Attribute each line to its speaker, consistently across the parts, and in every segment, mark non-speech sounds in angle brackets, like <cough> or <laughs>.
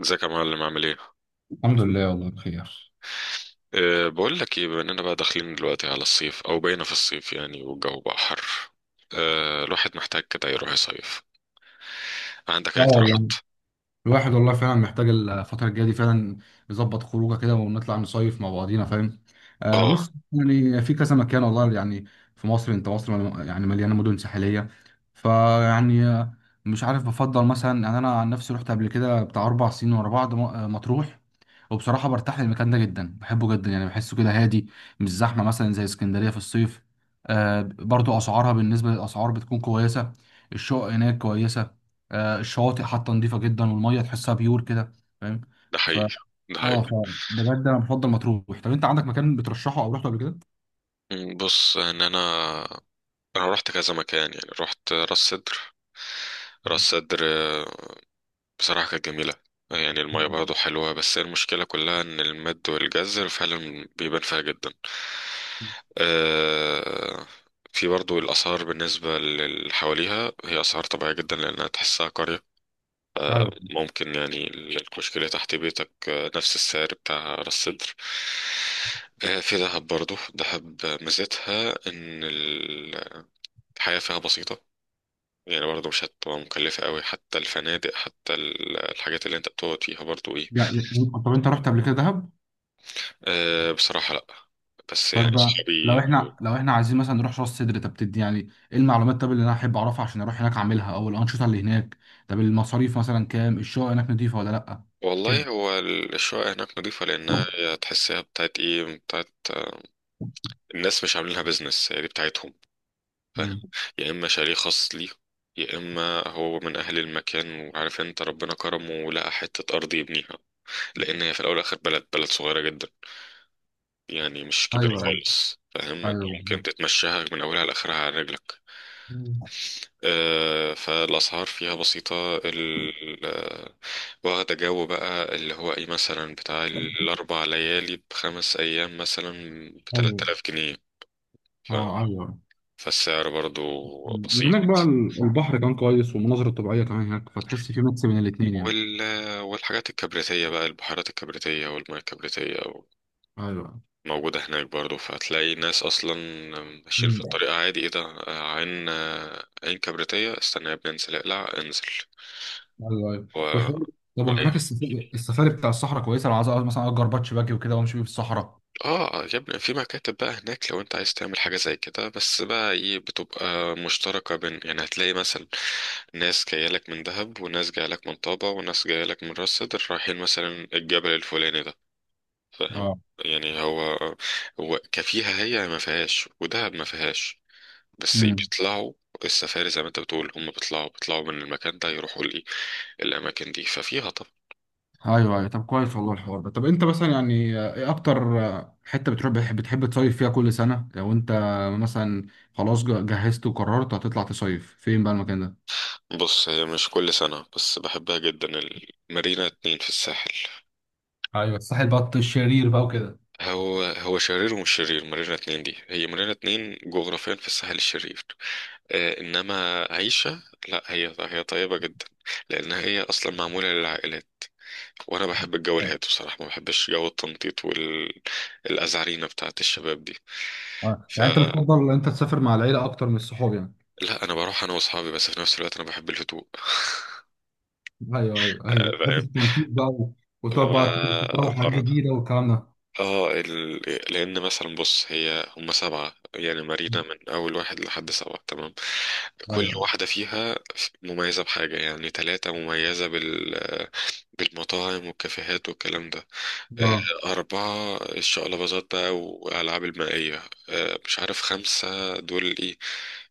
Speaker 1: ازيك يا معلم، عامل ايه؟
Speaker 2: الحمد لله، والله بخير.
Speaker 1: بقول لك ايه، بما اننا بقى داخلين دلوقتي على الصيف او بقينا في الصيف يعني والجو بقى حر. الواحد محتاج كده يروح يصيف. عندك اي
Speaker 2: اه
Speaker 1: اقتراحات؟
Speaker 2: والله، الواحد والله فعلا محتاج الفترة الجاية دي فعلا يظبط خروجه كده، ونطلع نصيف مع بعضينا، فاهم.
Speaker 1: اه.
Speaker 2: بص، يعني في كذا مكان والله، يعني في مصر، انت مصر يعني مليانة مدن ساحلية. فيعني مش عارف، بفضل مثلا يعني، انا عن نفسي رحت قبل كده بتاع 4 سنين ورا بعض، مطروح. وبصراحة برتاح للمكان ده جدا، بحبه جدا يعني، بحسه كده هادي، مش زحمة مثلا زي اسكندرية في الصيف. برضو أسعارها بالنسبة للأسعار بتكون كويسة، الشقق هناك كويسة. الشواطئ حتى نظيفة جدا، والمية تحسها بيور كده، فاهم.
Speaker 1: ده
Speaker 2: ف
Speaker 1: حقيقي. ده
Speaker 2: اه
Speaker 1: حقيقي.
Speaker 2: ف بجد أنا بفضل مطروح. طب أنت عندك مكان بترشحه أو رحته قبل كده؟
Speaker 1: بص، ان انا انا رحت كذا مكان، يعني رحت راس سدر. راس سدر، بصراحة كانت جميلة. يعني المية
Speaker 2: مم.
Speaker 1: برضه حلوة، بس المشكلة كلها إن المد والجزر فعلا بيبان فيها جدا. آه، في برضه الآثار بالنسبة للي حواليها، هي آثار طبيعية جدا لأنها تحسها قرية.
Speaker 2: أيوه
Speaker 1: ممكن يعني الكشك اللي تحت بيتك نفس السعر بتاع راس سدر. في دهب برضه، دهب ميزتها إن الحياة فيها بسيطة. يعني برضه مش هتبقى مكلفة قوي، حتى الفنادق، حتى الحاجات اللي انت بتقعد فيها برضو ايه.
Speaker 2: يعني. طب أنت رحت قبل كده دهب؟
Speaker 1: بصراحة لأ، بس يعني
Speaker 2: طيب بقى، لو
Speaker 1: صحابي بيقولوا.
Speaker 2: احنا عايزين مثلا نروح راس سدر، طب تدي يعني ايه المعلومات، طب اللي انا احب اعرفها عشان اروح هناك اعملها، او الانشطه اللي هناك. طب المصاريف مثلا كام، الشقه هناك نضيفه ولا لا؟ كده.
Speaker 1: والله هو الشقة هناك نظيفة لأنها هي تحسها بتاعت إيه بتاعت الناس، مش عاملينها بيزنس، هي دي بتاعتهم، فاهم.
Speaker 2: مم.
Speaker 1: يا إما شاليه خاص ليه، يا إما هو من أهل المكان وعارف أنت ربنا كرمه ولقى حتة أرض يبنيها، لأن هي في الأول والآخر بلد، بلد صغيرة جدا. يعني مش كبيرة
Speaker 2: ايوه، ايوه،
Speaker 1: خالص، فاهم أنت
Speaker 2: ايوه،
Speaker 1: ممكن
Speaker 2: بالظبط.
Speaker 1: تتمشاها من أولها لآخرها على رجلك.
Speaker 2: مم.
Speaker 1: فالأسعار فيها بسيطة، واخدة جو بقى، اللي هو ايه مثلا بتاع الأربع ليالي ب5 أيام مثلا،
Speaker 2: ايوه.
Speaker 1: ب3000 جنيه. ف-
Speaker 2: اه. ايوه.
Speaker 1: فالسعر برضو
Speaker 2: مم.
Speaker 1: بسيط.
Speaker 2: وهناك بقى البحر كان كويس، والمناظر الطبيعيه كمان هناك، فتحس في ميكس بين الاثنين يعني.
Speaker 1: وال... والحاجات الكبريتية بقى، البحيرات الكبريتية والمياه الكبريتية
Speaker 2: ايوه.
Speaker 1: موجودة هناك برضو، فهتلاقي ناس أصلا ماشيين في
Speaker 2: مم.
Speaker 1: الطريق عادي، ايه ده؟ عين كبريتية. استنى يا ابني، انزل اقلع انزل.
Speaker 2: ايوه ايوه
Speaker 1: و-
Speaker 2: وحوار. طب وهناك
Speaker 1: رايح.
Speaker 2: السفاري بتاع الصحراء كويسه، لو عايز مثلا اجر باتش باجي وكده وامشي بيه في الصحراء.
Speaker 1: اه. يا ابني في مكاتب بقى هناك لو انت عايز تعمل حاجة زي كده، بس بقى ايه بتبقى مشتركة، بين يعني هتلاقي مثلا ناس جاية لك من دهب وناس جاية لك من طابة وناس جاية لك من راس سدر، رايحين مثلا الجبل الفلاني ده، فاهم.
Speaker 2: اه.
Speaker 1: يعني هو كفيها، هي ما فيهاش ودهب ما فيهاش، بس
Speaker 2: امم.
Speaker 1: بيطلعوا. السفاري زي ما انت بتقول هم بيطلعوا من المكان ده، يروحوا لي الاماكن دي، ففيها طبعا.
Speaker 2: ايوه ايوه. طب كويس والله، الحوار ده. طب انت مثلا يعني ايه اكتر حته بتروح، بتحب تصيف فيها كل سنه، لو انت مثلا خلاص جهزت وقررت هتطلع تصيف فين بقى المكان ده؟
Speaker 1: بص هي مش كل سنة بس بحبها جدا، المارينا اتنين في الساحل.
Speaker 2: ايوه الساحل بط الشرير بقى وكده.
Speaker 1: هو شرير ومش شرير، مارينا اتنين دي هي مارينا اتنين جغرافيا في الساحل الشرير. انما عيشة لا، هي طيبة جدا لان هي اصلا معمولة للعائلات، وانا بحب الجو الهادي، بصراحة ما بحبش جو التنطيط والازعرينة بتاعة الشباب دي.
Speaker 2: اه، يعني انت
Speaker 1: فلا،
Speaker 2: بتفضل ان انت تسافر مع العيله اكتر من الصحاب يعني.
Speaker 1: انا بروح انا واصحابي بس في نفس الوقت انا بحب الهدوء.
Speaker 2: ايوه، ايوه، ايوه، بحب
Speaker 1: فاهم.
Speaker 2: التنطيط بقى وتقعد بقى تجرب حاجات
Speaker 1: ببقى
Speaker 2: جديده والكلام ده.
Speaker 1: اه ال... لان مثلا بص، هي هم سبعة، يعني مارينا من اول واحد لحد سبعة، تمام.
Speaker 2: ايوه
Speaker 1: كل
Speaker 2: ايوه.
Speaker 1: واحدة فيها مميزة بحاجة، يعني ثلاثة مميزة بالمطاعم والكافيهات والكلام ده. آه،
Speaker 2: اه.
Speaker 1: أربعة الشقلباظات بقى وألعاب المائية. مش عارف خمسة دول ايه.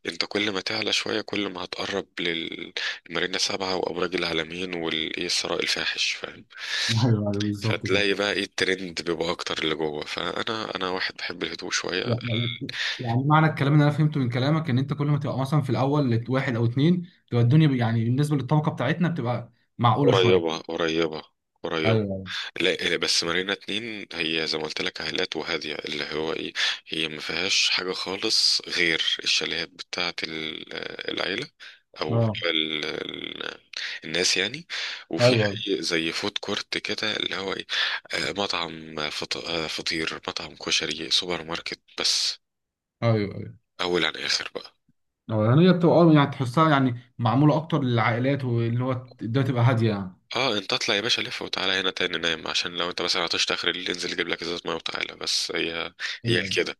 Speaker 1: انت كل ما تعلى شوية كل ما هتقرب للمارينا سبعة وأبراج العالمين والإيه الثراء الفاحش.
Speaker 2: <laughs> ايوه ايوه بالظبط كده.
Speaker 1: فتلاقي بقى ايه، الترند بيبقى اكتر اللي جوه، فانا واحد بحب الهدوء شويه. ال-
Speaker 2: يعني، معنى الكلام اللي انا فهمته من كلامك، ان انت كل ما تبقى مثلا في الاول واحد او اتنين، تبقى الدنيا يعني بالنسبه للطبقه بتاعتنا بتبقى معقوله شويه.
Speaker 1: قريبه قريبه قريبه.
Speaker 2: ايوه.
Speaker 1: لا لا، بس مارينا اتنين هي زي ما قلت لك عائلات وهاديه اللي هو ايه، هي ما فيهاش حاجه خالص غير الشاليهات بتاعه العيله، او
Speaker 2: اه.
Speaker 1: الناس يعني. وفي
Speaker 2: ايوه.
Speaker 1: زي فود كورت كده اللي هو ايه. مطعم فطير، مطعم كشري، سوبر ماركت، بس.
Speaker 2: ايوه. ايوه.
Speaker 1: اول عن اخر بقى.
Speaker 2: يعني هي بتبقى، يعني تحسها يعني معموله اكتر للعائلات واللي هو الدنيا تبقى هاديه يعني.
Speaker 1: اه انت اطلع يا باشا، لف وتعالى هنا تاني نام، عشان لو انت مثلا عطشت اخر الليل انزل جيب لك ازازه ميه وتعالى، بس هي
Speaker 2: ايوه.
Speaker 1: كده.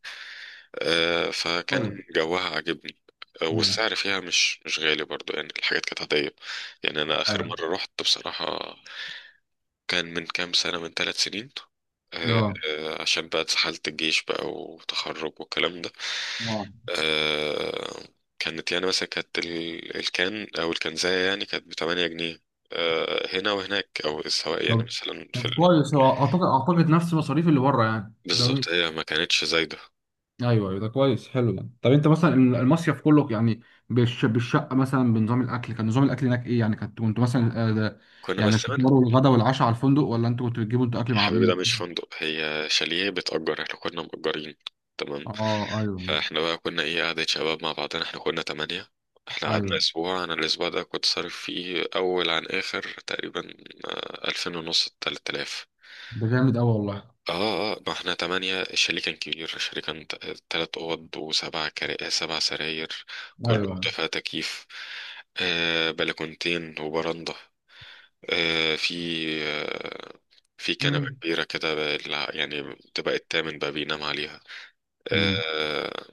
Speaker 2: طيب.
Speaker 1: فكان جوها عاجبني.
Speaker 2: مم.
Speaker 1: والسعر فيها مش غالي برضو، يعني الحاجات كانت عادية. يعني أنا آخر
Speaker 2: ايوه.
Speaker 1: مرة رحت بصراحة، كان من كام سنة، من 3 سنين.
Speaker 2: اه.
Speaker 1: عشان بقى اتسحلت الجيش بقى وتخرج والكلام ده.
Speaker 2: اه.
Speaker 1: آه، كانت يعني مثلا، كانت الكان أو الكنزاية يعني، كانت ب8 جنيه هنا وهناك، أو سواء يعني
Speaker 2: طب
Speaker 1: مثلا
Speaker 2: طب كويس، هو اعتقد نفس مصاريف اللي بره يعني ده.
Speaker 1: بالظبط، هي ما كانتش زايدة.
Speaker 2: ايوه، ايوه، ده كويس حلو ده. طب انت مثلا المصيف كله يعني بالشقه مثلا، بنظام الاكل، كان نظام الاكل هناك ايه يعني؟ كنتوا مثلا ده
Speaker 1: كنا
Speaker 2: يعني
Speaker 1: بس منها.
Speaker 2: الفطار والغدا والعشاء على الفندق، ولا انتوا كنتوا بتجيبوا انتوا اكل
Speaker 1: يا
Speaker 2: مع
Speaker 1: حبيبي ده
Speaker 2: منكم؟
Speaker 1: مش فندق، هي شاليه بتأجر، احنا كنا مأجرين، تمام.
Speaker 2: اه. ايوه
Speaker 1: فاحنا بقى كنا ايه، قعدة شباب مع بعضنا، احنا كنا 8. احنا قعدنا
Speaker 2: ايوه.
Speaker 1: اسبوع، انا الاسبوع ده كنت صارف فيه اول عن اخر تقريبا 2000 ونص، 3000.
Speaker 2: ده جامد قوي والله.
Speaker 1: اه اه، ما احنا تمانية، الشاليه كان كبير، الشاليه كان 3 اوض، وسبع كرا... 7 سراير، كل
Speaker 2: ايوه.
Speaker 1: اوضة فيها تكييف. بلكونتين وبرندة. آه في آه في كنبة
Speaker 2: مم.
Speaker 1: كبيرة كده يعني تبقى التامن بقى بينام عليها.
Speaker 2: امم.
Speaker 1: آه،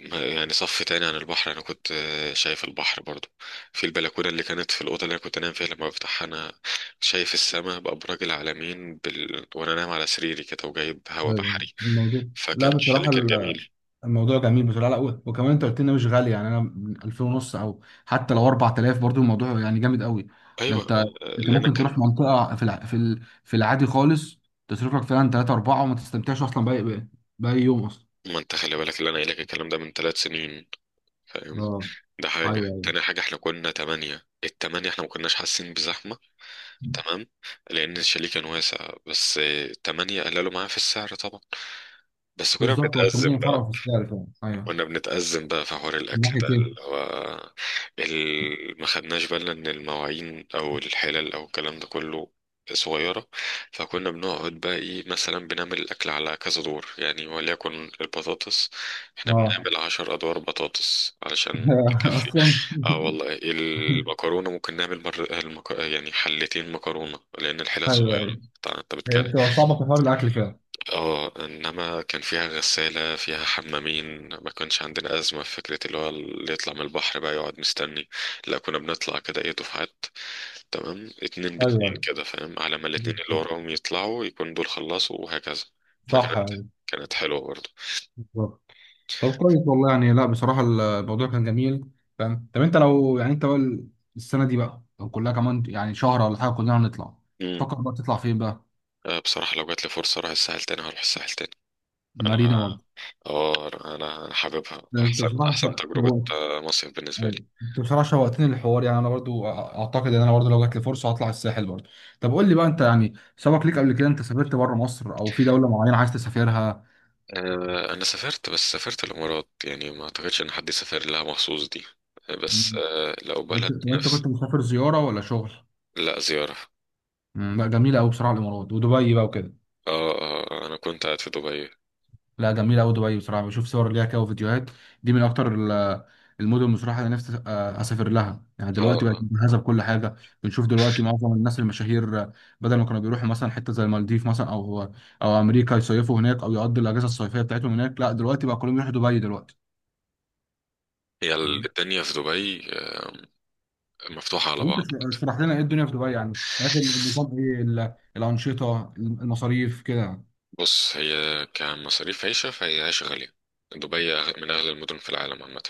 Speaker 1: يعني صف تاني عن البحر، انا كنت شايف البحر برضو. في البلكونه اللي كانت في الاوضه اللي انا كنت انام فيها، لما بفتحها انا شايف السماء بابراج العلمين وانا نايم على سريري كده، وجايب هوا
Speaker 2: ايوه
Speaker 1: بحري،
Speaker 2: الموضوع، لا
Speaker 1: فكان الشاليه
Speaker 2: بصراحه
Speaker 1: كان جميل.
Speaker 2: الموضوع جميل بصراحه، لا وكمان انت قلت لنا مش غالي يعني، انا 2000 ونص، او حتى لو 4000 برضو، الموضوع يعني جامد قوي. ده
Speaker 1: ايوه،
Speaker 2: انت،
Speaker 1: اللي انا
Speaker 2: ممكن
Speaker 1: كان.
Speaker 2: تروح منطقه في العادي خالص، تصرف لك فعلا 3 4 وما تستمتعش اصلا باي يوم اصلا.
Speaker 1: ما انت خلي بالك، اللي انا قايل لك الكلام ده من 3 سنين، فاهم.
Speaker 2: اه
Speaker 1: ده حاجه
Speaker 2: ايوه ايوه
Speaker 1: تاني، حاجه احنا كنا تمانية، الـ8 احنا ما كناش حاسين بزحمه، تمام، لان الشاليه كان واسع، بس 8 قللوا معاه في السعر طبعا. بس كنا
Speaker 2: بالظبط، هو
Speaker 1: بنتأزم
Speaker 2: كمان
Speaker 1: بقى،
Speaker 2: فرق في السعر فعلا. ايوه.
Speaker 1: كنا بنتأزم بقى في حوار
Speaker 2: من
Speaker 1: الأكل
Speaker 2: ناحيه
Speaker 1: ده
Speaker 2: ايه؟
Speaker 1: اللي هو ما خدناش بالنا إن المواعين أو الحلل أو الكلام ده كله صغيرة، فكنا بنقعد بقى إيه، مثلا بنعمل الأكل على كذا دور، يعني وليكن البطاطس، إحنا
Speaker 2: اه.
Speaker 1: بنعمل 10 أدوار بطاطس علشان
Speaker 2: <laughs>
Speaker 1: تكفي.
Speaker 2: اصلا.
Speaker 1: اه والله،
Speaker 2: <laughs>
Speaker 1: المكرونة ممكن نعمل يعني حلتين مكرونة لأن الحلل
Speaker 2: ايوه
Speaker 1: صغيرة.
Speaker 2: ايوه.
Speaker 1: طبعاً أنت بتكلم،
Speaker 2: هي بتبقى صعبه في حوار الاكل فعلا.
Speaker 1: اه انما كان فيها غسالة، فيها حمامين، ما كانش عندنا أزمة في فكرة اللي هو اللي يطلع من البحر بقى يقعد مستني، لا كنا بنطلع كده ايه، دفعات، تمام، اتنين
Speaker 2: ايوه
Speaker 1: باتنين
Speaker 2: ايوه
Speaker 1: كده، فاهم، على ما الاتنين اللي
Speaker 2: بالظبط.
Speaker 1: وراهم يطلعوا يكون دول خلصوا وهكذا. فكانت
Speaker 2: صح.
Speaker 1: كانت حلوة برضه.
Speaker 2: أيوة. طب كويس والله، يعني لا بصراحة الموضوع كان جميل، فاهم. طب انت لو يعني انت بقى السنة دي بقى، لو كلها كمان يعني شهر ولا حاجة كلنا هنطلع،
Speaker 1: امم.
Speaker 2: تفكر بقى تطلع فين بقى؟
Speaker 1: بصراحة لو جات لي فرصة أروح الساحل تاني، هروح الساحل تاني. أنا
Speaker 2: مارينا ولا؟
Speaker 1: اه أنا أنا حاببها،
Speaker 2: ده انت
Speaker 1: أحسن
Speaker 2: بصراحة
Speaker 1: أحسن
Speaker 2: شوقت،
Speaker 1: تجربة مصيف بالنسبة لي.
Speaker 2: ايوه انت بصراحة شوقتني للحوار، يعني انا برضو اعتقد ان انا برضو لو جات لي فرصة هطلع الساحل برضو. طب قول لي بقى، انت يعني سبق ليك قبل كده انت سافرت بره مصر، او في دولة معينة عايز تسافرها؟
Speaker 1: انا سافرت، بس سافرت الامارات، يعني ما اعتقدش ان حد سافر لها مخصوص دي. بس
Speaker 2: مم.
Speaker 1: لو بلد
Speaker 2: طب انت
Speaker 1: نفس.
Speaker 2: كنت مسافر زيارة ولا شغل؟
Speaker 1: لا زيارة.
Speaker 2: مم، لا جميلة قوي بصراحة الامارات ودبي بقى وكده.
Speaker 1: اه اه، انا كنت قاعد في دبي. اه
Speaker 2: لا جميلة أوي دبي بصراحة، بشوف صور ليها كده وفيديوهات، دي من أكتر المدن بصراحة اللي نفسي أسافر لها يعني، دلوقتي بقت
Speaker 1: اه
Speaker 2: مجهزة بكل حاجة. بنشوف دلوقتي معظم الناس المشاهير بدل ما كانوا بيروحوا مثلا حتة زي المالديف مثلا، أو أمريكا، يصيفوا هناك أو يقضوا الأجازة الصيفية بتاعتهم هناك. لا، دلوقتي بقى كلهم يروحوا دبي دلوقتي.
Speaker 1: هي
Speaker 2: تمام.
Speaker 1: الدنيا في دبي مفتوحة على
Speaker 2: وأنت
Speaker 1: بعض.
Speaker 2: اشرح لنا إيه الدنيا في دبي يعني، هناك النظام إيه، الأنشطة، المصاريف كده.
Speaker 1: بص هي كمصاريف عيشة، فهي عيشة غالية، دبي من اغلى المدن في العالم عامة،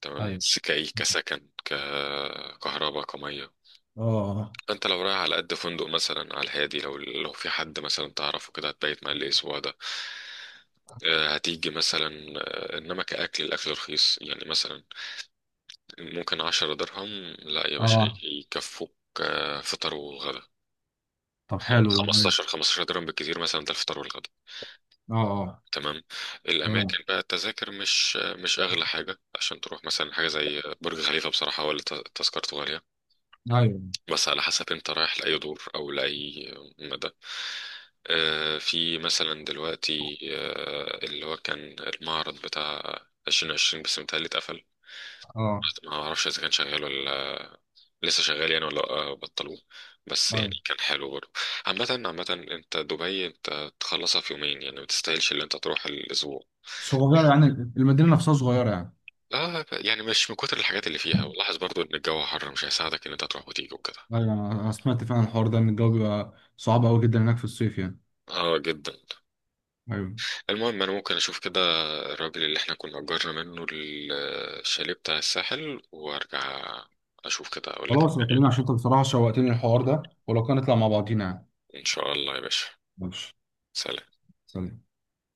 Speaker 1: تمام.
Speaker 2: أيوه.
Speaker 1: بس كأي، كسكن، ككهرباء، كمية،
Speaker 2: أه.
Speaker 1: انت لو رايح على قد فندق مثلا على الهادي، لو في حد مثلا تعرفه كده هتبيت معاه الاسبوع ده. هتيجي مثلا، انما كأكل الاكل رخيص، يعني مثلا ممكن 10 درهم، لا يا باشا
Speaker 2: أه.
Speaker 1: يكفوك. فطار وغدا،
Speaker 2: طب حلو ده. أيوه.
Speaker 1: 15 15 درهم بالكثير مثلا، ده الفطار والغدا،
Speaker 2: أه. أه.
Speaker 1: تمام.
Speaker 2: تمام.
Speaker 1: الاماكن بقى، التذاكر مش اغلى حاجه، عشان تروح مثلا حاجه زي برج خليفه بصراحه، ولا تذكرته غاليه،
Speaker 2: أيوه.
Speaker 1: بس على حسب انت رايح لأي دور أو لأي مدى. في مثلا دلوقتي اللي هو كان المعرض بتاع 2020، بس متهيألي اتقفل،
Speaker 2: أه.
Speaker 1: ما اعرفش اذا كان شغال ولا لسه شغال يعني، ولا بطلوه، بس يعني
Speaker 2: أيوه.
Speaker 1: كان حلو برضه. عامة عامة، انت دبي انت تخلصها في يومين، يعني ما تستاهلش اللي انت تروح الاسبوع،
Speaker 2: صغيرة يعني، المدينة نفسها صغيرة يعني.
Speaker 1: لا يعني مش من كتر الحاجات اللي فيها، ولاحظ برضه ان الجو حر مش هيساعدك ان انت تروح وتيجي وكده.
Speaker 2: أيوة، أنا سمعت فعلا الحوار ده، إن الجو بيبقى صعب أوي جدا هناك في الصيف يعني.
Speaker 1: اه جدا.
Speaker 2: أيوة.
Speaker 1: المهم، انا ممكن اشوف كده الراجل اللي احنا كنا اجرنا منه الشاليه بتاع الساحل وارجع اشوف كده، اقول لك
Speaker 2: خلاص
Speaker 1: الدنيا.
Speaker 2: بكلمك، عشان أنت بصراحة شوقتني الحوار ده، ولو كان نطلع مع بعضينا يعني.
Speaker 1: ان شاء الله يا باشا.
Speaker 2: ماشي.
Speaker 1: سلام.
Speaker 2: سلام.